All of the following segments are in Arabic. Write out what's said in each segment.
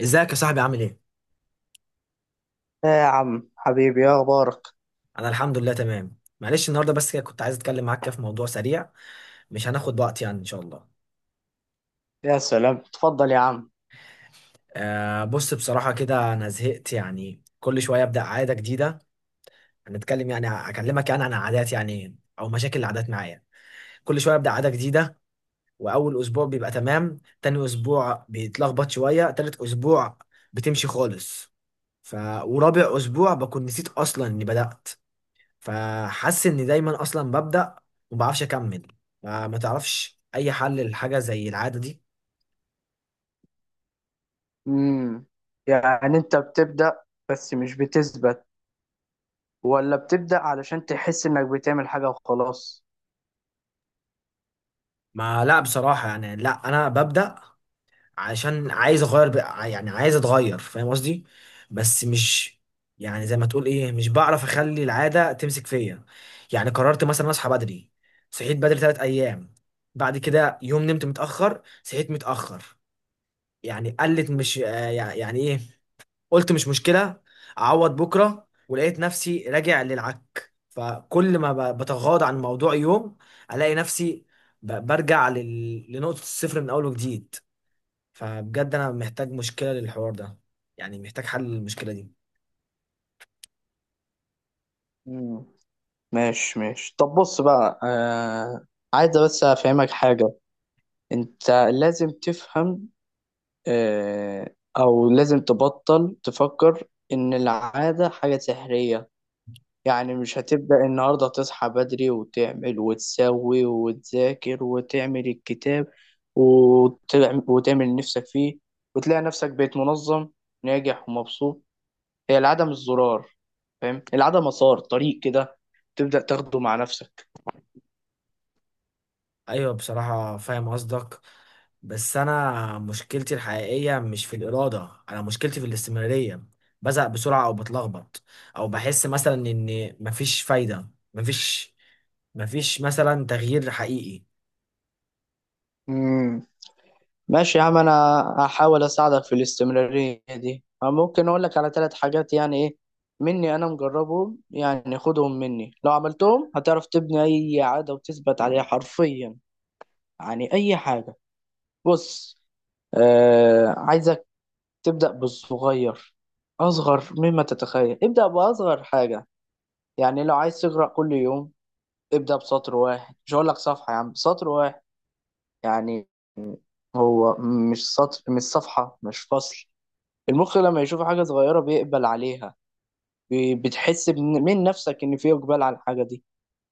ازيك يا صاحبي؟ عامل ايه؟ يا عم حبيبي، يا اخبارك. انا الحمد لله تمام. معلش النهارده بس كده كنت عايز اتكلم معاك كده في موضوع سريع، مش هناخد وقت يعني ان شاء الله. يا سلام، اتفضل يا عم. آه، بص بصراحه كده انا زهقت، يعني كل شويه ابدا عاده جديده. هنتكلم يعني اكلمك يعني عن عادات، يعني او مشاكل العادات معايا. كل شويه ابدا عاده جديده، واول اسبوع بيبقى تمام، تاني اسبوع بيتلخبط شويه، تالت اسبوع بتمشي خالص، ف ورابع اسبوع بكون نسيت اصلا اني بدات. فحاسس اني دايما اصلا ببدأ وما بعرفش اكمل. ما تعرفش اي حل للحاجة زي العادة دي؟ امم يعني انت بتبدأ، بس مش بتثبت، ولا بتبدأ علشان تحس انك بتعمل حاجة وخلاص؟ ما لا بصراحة، يعني لا انا ببدأ عشان عايز اغير يعني عايز اتغير، فاهم قصدي؟ بس مش، يعني زي ما تقول ايه، مش بعرف اخلي العادة تمسك فيا. يعني قررت مثلا اصحى بدري، صحيت بدري ثلاث ايام، بعد كده يوم نمت متأخر صحيت متأخر. يعني قلت مش، يعني ايه، قلت مش مشكلة، أعوض بكرة. ولقيت نفسي راجع للعك. فكل ما بتغاضى عن الموضوع يوم، ألاقي نفسي برجع لنقطة الصفر من أول وجديد. فبجد أنا محتاج مشكلة للحوار ده، يعني محتاج حل للمشكلة دي. امم ماشي ماشي، طب بص بقى، عايز بس افهمك حاجة. انت لازم تفهم، او لازم تبطل تفكر ان العادة حاجة سحرية. يعني مش هتبدأ النهاردة تصحى بدري وتعمل وتسوي وتذاكر وتعمل الكتاب وتعمل نفسك فيه، وتلاقي نفسك بقيت منظم، ناجح ومبسوط. هي العدم الزرار، فاهم؟ العدم مسار طريق كده تبدأ تاخده مع نفسك. ايوه، بصراحة فاهم قصدك. بس انا مشكلتي الحقيقية مش في الإرادة، انا مشكلتي في الاستمرارية. بزهق بسرعة او بتلخبط، او بحس مثلا ان مفيش فايدة، مفيش مثلا تغيير حقيقي. مم. ماشي يا عم، انا هحاول اساعدك في الاستمرارية دي. ممكن اقول لك على 3 حاجات يعني، ايه؟ مني انا، مجربهم يعني، خدهم مني. لو عملتهم هتعرف تبني اي عادة وتثبت عليها حرفيا، يعني اي حاجة. بص، عايزك تبدأ بالصغير، اصغر مما تتخيل. ابدأ باصغر حاجة. يعني لو عايز تقرأ كل يوم، ابدأ بسطر واحد. مش هقول لك صفحة يا عم، سطر واحد يعني. هو مش سطر، مش صفحة، مش فصل. المخ لما يشوف حاجة صغيرة بيقبل عليها. بتحس من نفسك إن في إقبال على الحاجة دي.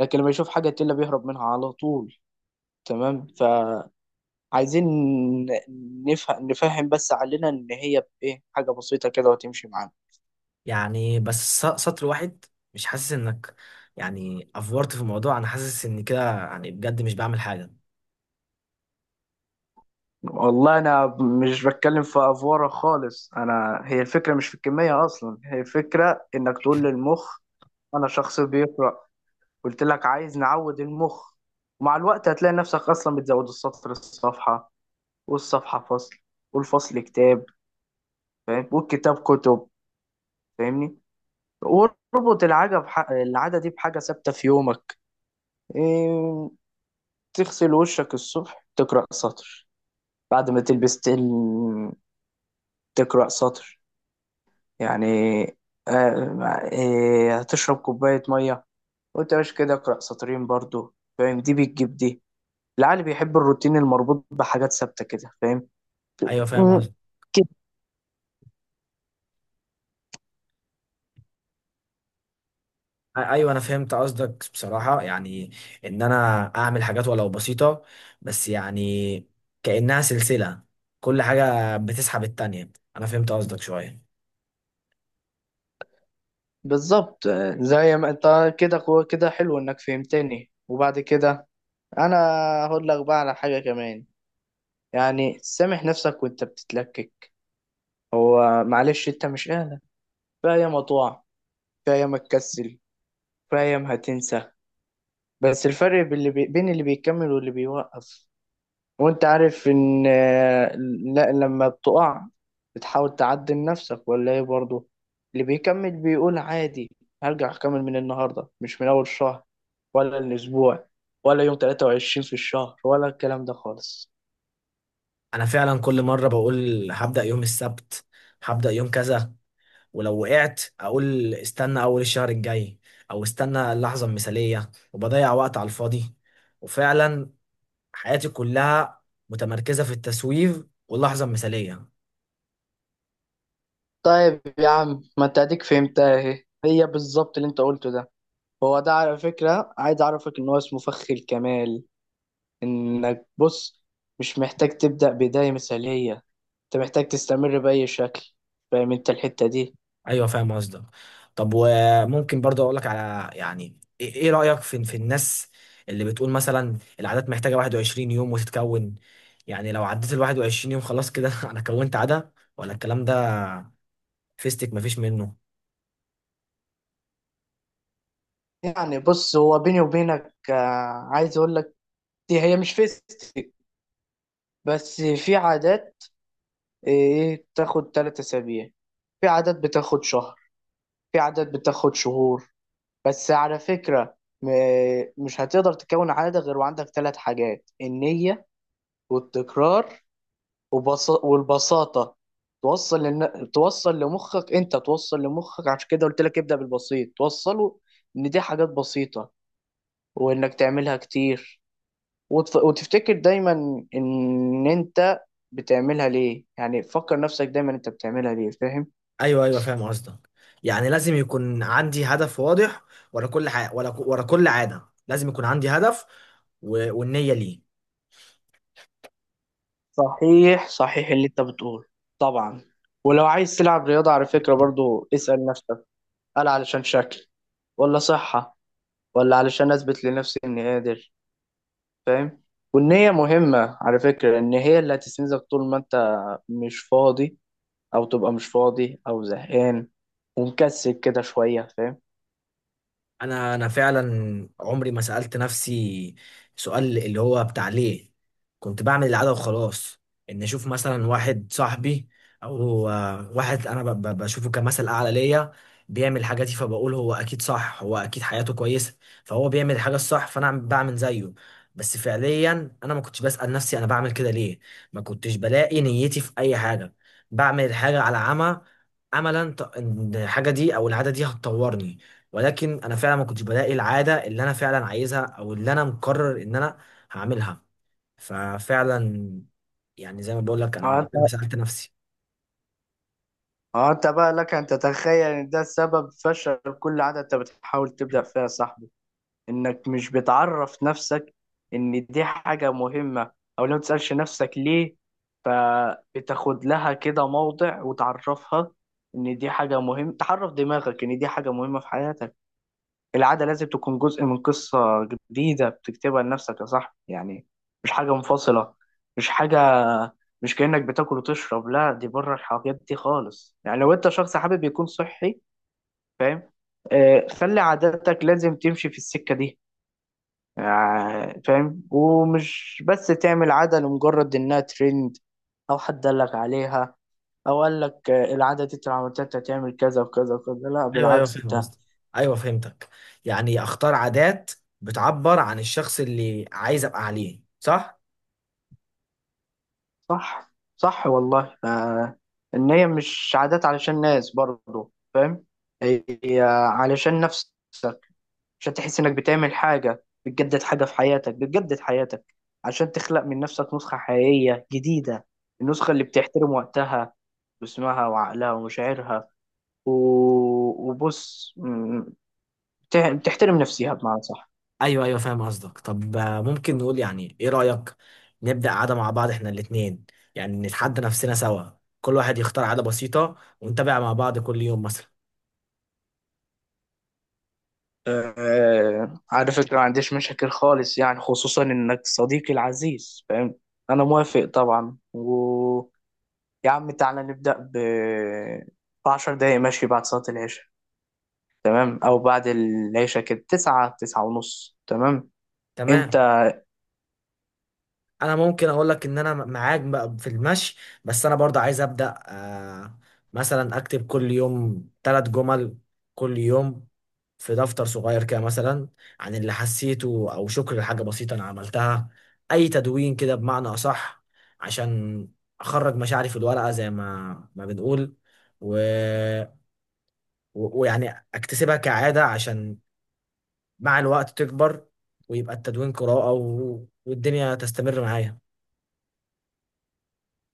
لكن لما يشوف حاجة تقيلة بيهرب منها على طول، تمام؟ فعايزين نفهم بس علينا إن هي إيه حاجة بسيطة كده وتمشي معانا. يعني بس سطر واحد؟ مش حاسس انك، يعني افورت في الموضوع. انا حاسس ان كده يعني بجد مش بعمل حاجة. والله أنا مش بتكلم في أفوارة خالص. أنا، هي الفكرة مش في الكمية أصلا، هي الفكرة إنك تقول للمخ أنا شخص بيقرأ. قلت لك عايز نعود المخ، ومع الوقت هتلاقي نفسك أصلا بتزود السطر الصفحة، والصفحة فصل، والفصل كتاب، فاهم؟ والكتاب كتب، فاهمني؟ واربط العادة دي بحاجة ثابتة في يومك. إيه... تغسل وشك الصبح تقرأ سطر، بعد ما تلبس تقرأ سطر. يعني هتشرب كوباية مية وانت مش كده اقرأ سطرين برضو، فاهم؟ دي بتجيب دي. العقل بيحب الروتين المربوط بحاجات ثابتة كده، ايوه فاهم. فاهم؟ ايوه انا فهمت قصدك بصراحه، يعني ان انا اعمل حاجات ولو بسيطه، بس يعني كانها سلسله، كل حاجه بتسحب التانية. انا فهمت قصدك شويه. بالظبط، زي ما انت كده قوة كده. حلو انك فهمتني. وبعد كده انا هقول لك بقى على حاجة كمان، يعني سامح نفسك وانت بتتلكك. هو معلش، انت مش اهلك. في ايام هتقع، في ايام هتكسل، في ايام هتنسى. بس الفرق بين اللي بيكمل واللي بيوقف، وانت عارف ان لا، لما بتقع بتحاول تعدل نفسك ولا ايه برضه؟ اللي بيكمل بيقول عادي، هرجع اكمل من النهارده، مش من اول الشهر ولا الاسبوع ولا يوم 23 في الشهر ولا الكلام ده خالص. انا فعلا كل مره بقول هبدا يوم السبت، هبدا يوم كذا، ولو وقعت اقول استنى اول الشهر الجاي، او استنى اللحظه المثاليه وبضيع وقت على الفاضي. وفعلا حياتي كلها متمركزه في التسويف واللحظه المثاليه. طيب يا عم، ما انت اديك فهمتها اهي، هي بالظبط اللي انت قلته ده. هو ده، على فكرة، عايز اعرفك ان هو اسمه فخ الكمال. انك، بص، مش محتاج تبدأ بداية مثالية، انت محتاج تستمر بأي شكل. فاهم انت الحتة دي؟ ايوه فاهم قصدك. طب وممكن برضه اقول لك على يعني ايه، إيه رايك في الناس اللي بتقول مثلا العادات محتاجه 21 يوم وتتكون؟ يعني لو عديت ال 21 يوم خلاص كده انا كونت عاده، ولا الكلام ده فيستك مفيش منه؟ يعني بص، هو بيني وبينك عايز اقول لك، دي هي مش فيستك. بس في عادات ايه بتاخد 3 اسابيع، في عادات بتاخد شهر، في عادات بتاخد شهور. بس على فكرة، مش هتقدر تكون عادة غير وعندك 3 حاجات: النية، والتكرار، والبساطة. توصل لن... توصل لمخك، انت توصل لمخك. عشان كده قلت لك ابدأ بالبسيط، توصله ان دي حاجات بسيطة، وانك تعملها كتير، وتفتكر دايما ان انت بتعملها ليه. يعني فكر نفسك دايما انت بتعملها ليه، فاهم؟ ايوه ايوه فاهم قصدك. يعني لازم يكون عندي هدف واضح ورا كل حاجه، ورا كل عاده لازم يكون عندي هدف والنيه ليه. صحيح صحيح اللي انت بتقول، طبعا. ولو عايز تلعب رياضة، على فكرة برضو اسأل نفسك: هل علشان شكل، ولا صحة، ولا علشان اثبت لنفسي اني قادر؟ فاهم؟ والنية مهمة على فكرة، إن هي اللي هتستنزف طول ما أنت مش فاضي، أو تبقى مش فاضي أو زهقان ومكسل كده شوية، فاهم؟ انا فعلا عمري ما سألت نفسي سؤال اللي هو بتاع ليه، كنت بعمل العادة وخلاص. ان اشوف مثلا واحد صاحبي، او واحد انا بشوفه كمثل اعلى ليا، بيعمل حاجاتي فبقول هو اكيد صح، هو اكيد حياته كويسة، فهو بيعمل الحاجة الصح، فانا بعمل زيه. بس فعليا انا ما كنتش بسأل نفسي انا بعمل كده ليه، ما كنتش بلاقي نيتي في اي حاجة، بعمل الحاجة على عمى، املا ان الحاجة دي او العادة دي هتطورني. ولكن انا فعلا ما كنتش بلاقي العاده اللي انا فعلا عايزها او اللي انا مقرر ان انا هعملها. ففعلا يعني زي ما بقول لك انا فأنت عمري ما سالت نفسي. أنت بقى لك أن تتخيل إن ده سبب فشل كل عادة أنت بتحاول تبدأ فيها يا صاحبي، إنك مش بتعرف نفسك إن دي حاجة مهمة. أو لو متسألش نفسك ليه، فبتاخد لها كده موضع وتعرفها إن دي حاجة مهمة، تعرف دماغك إن دي حاجة مهمة في حياتك. العادة لازم تكون جزء من قصة جديدة بتكتبها لنفسك يا صاحبي، يعني مش حاجة منفصلة، مش حاجة، مش كأنك بتاكل وتشرب. لا، دي بره الحاجات دي خالص. يعني لو انت شخص حابب يكون صحي، فاهم؟ خلي عاداتك لازم تمشي في السكة دي. فاهم؟ ومش بس تعمل عادة لمجرد انها ترند، او حد قالك عليها، او قالك العادة دي انت لو عملتها انت هتعمل كذا وكذا وكذا. لا، ايوه ايوه بالعكس انت. فاهم قصدي. ايوه فهمتك. يعني اختار عادات بتعبر عن الشخص اللي عايز ابقى عليه، صح؟ صح صح والله، ان هي مش عادات علشان ناس برضه، فاهم؟ هي علشان نفسك، عشان تحس انك بتعمل حاجة بتجدد حاجة في حياتك، بتجدد حياتك، عشان تخلق من نفسك نسخة حقيقية جديدة. النسخة اللي بتحترم وقتها واسمها وعقلها ومشاعرها، و... وبص، بتحترم نفسها بمعنى صح. ايوه ايوه فاهم قصدك. طب ممكن نقول يعني، ايه رايك نبدا عاده مع بعض احنا الاثنين؟ يعني نتحدى نفسنا سوا، كل واحد يختار عاده بسيطه ونتابع مع بعض كل يوم مثلا. على فكرة ما عنديش مشاكل خالص يعني، خصوصا إنك صديقي العزيز، فاهم؟ أنا موافق طبعا. ويا عم تعالى نبدأ بـ10 دقايق، ماشي؟ بعد صلاة العشاء، تمام؟ أو بعد العشاء كده، 9 9:30، تمام؟ أنت تمام. انا ممكن اقول لك ان انا معاك بقى في المشي، بس انا برضه عايز ابدا مثلا اكتب كل يوم ثلاث جمل، كل يوم في دفتر صغير كده مثلا، عن اللي حسيته او شكر لحاجه بسيطه انا عملتها. اي تدوين كده بمعنى اصح، عشان اخرج مشاعري في الورقه زي ما بنقول، و... ويعني اكتسبها كعاده عشان مع الوقت تكبر، ويبقى التدوين قراءه والدنيا تستمر معايا.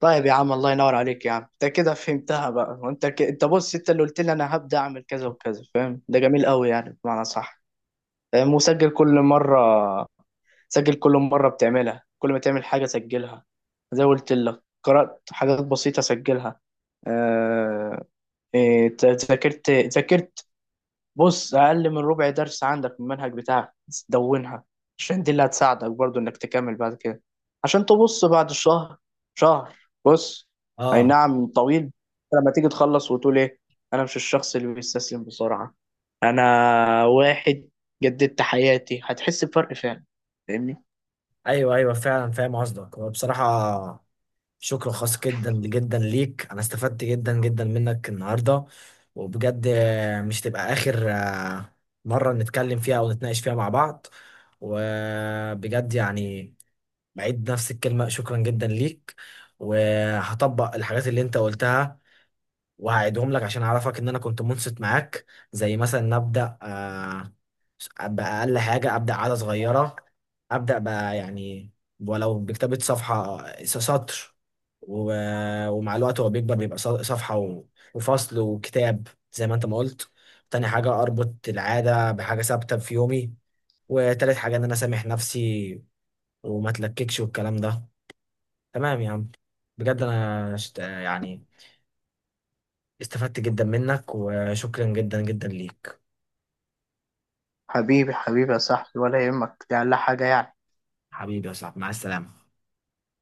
طيب يا عم، الله ينور عليك يا عم. أنت كده فهمتها بقى، وأنت أنت بص، أنت اللي قلت لي أنا هبدأ أعمل كذا وكذا، فاهم؟ ده جميل قوي يعني، بمعنى صح. مسجل كل مرة، سجل كل مرة بتعملها، كل ما تعمل حاجة سجلها. زي ما قلت لك، قرأت حاجات بسيطة سجلها. آه... ذاكرت. بص، أقل من ربع درس عندك من المنهج بتاعك، دونها. عشان دي اللي هتساعدك برضو إنك تكمل بعد كده، عشان تبص بعد شهر، شهر، بص، أي اه. نعم، طويل. لما تيجي تخلص وتقول: إيه؟ أنا مش الشخص اللي بيستسلم بسرعة. أنا واحد جددت حياتي، هتحس بفرق فعلا، فاهمني؟ ايوه ايوه فعلا فاهم قصدك. وبصراحه شكر خاص جدا جدا ليك، انا استفدت جدا جدا منك النهارده. وبجد مش تبقى اخر مره نتكلم فيها او نتناقش فيها مع بعض. وبجد يعني بعيد نفس الكلمه، شكرا جدا ليك. وهطبق الحاجات اللي انت قلتها، وهعيدهم لك عشان اعرفك ان انا كنت منصت معاك. زي مثلا نبدا بأقل حاجة، أبدأ عادة صغيرة، أبدأ بقى يعني ولو بكتابة صفحة سطر، ومع الوقت هو بيكبر، بيبقى صفحة وفصل وكتاب زي ما أنت ما قلت. تاني حاجة أربط العادة بحاجة ثابتة في يومي. وتالت حاجة إن أنا أسامح نفسي وما أتلككش والكلام ده. تمام يا عم، بجد أنا يعني استفدت جدا منك، وشكرا جدا جدا ليك. حبيبي حبيبي يا صاحبي، ولا يهمك، دي أقل حاجة يعني. حبيبي يا صاحبي، مع السلامة.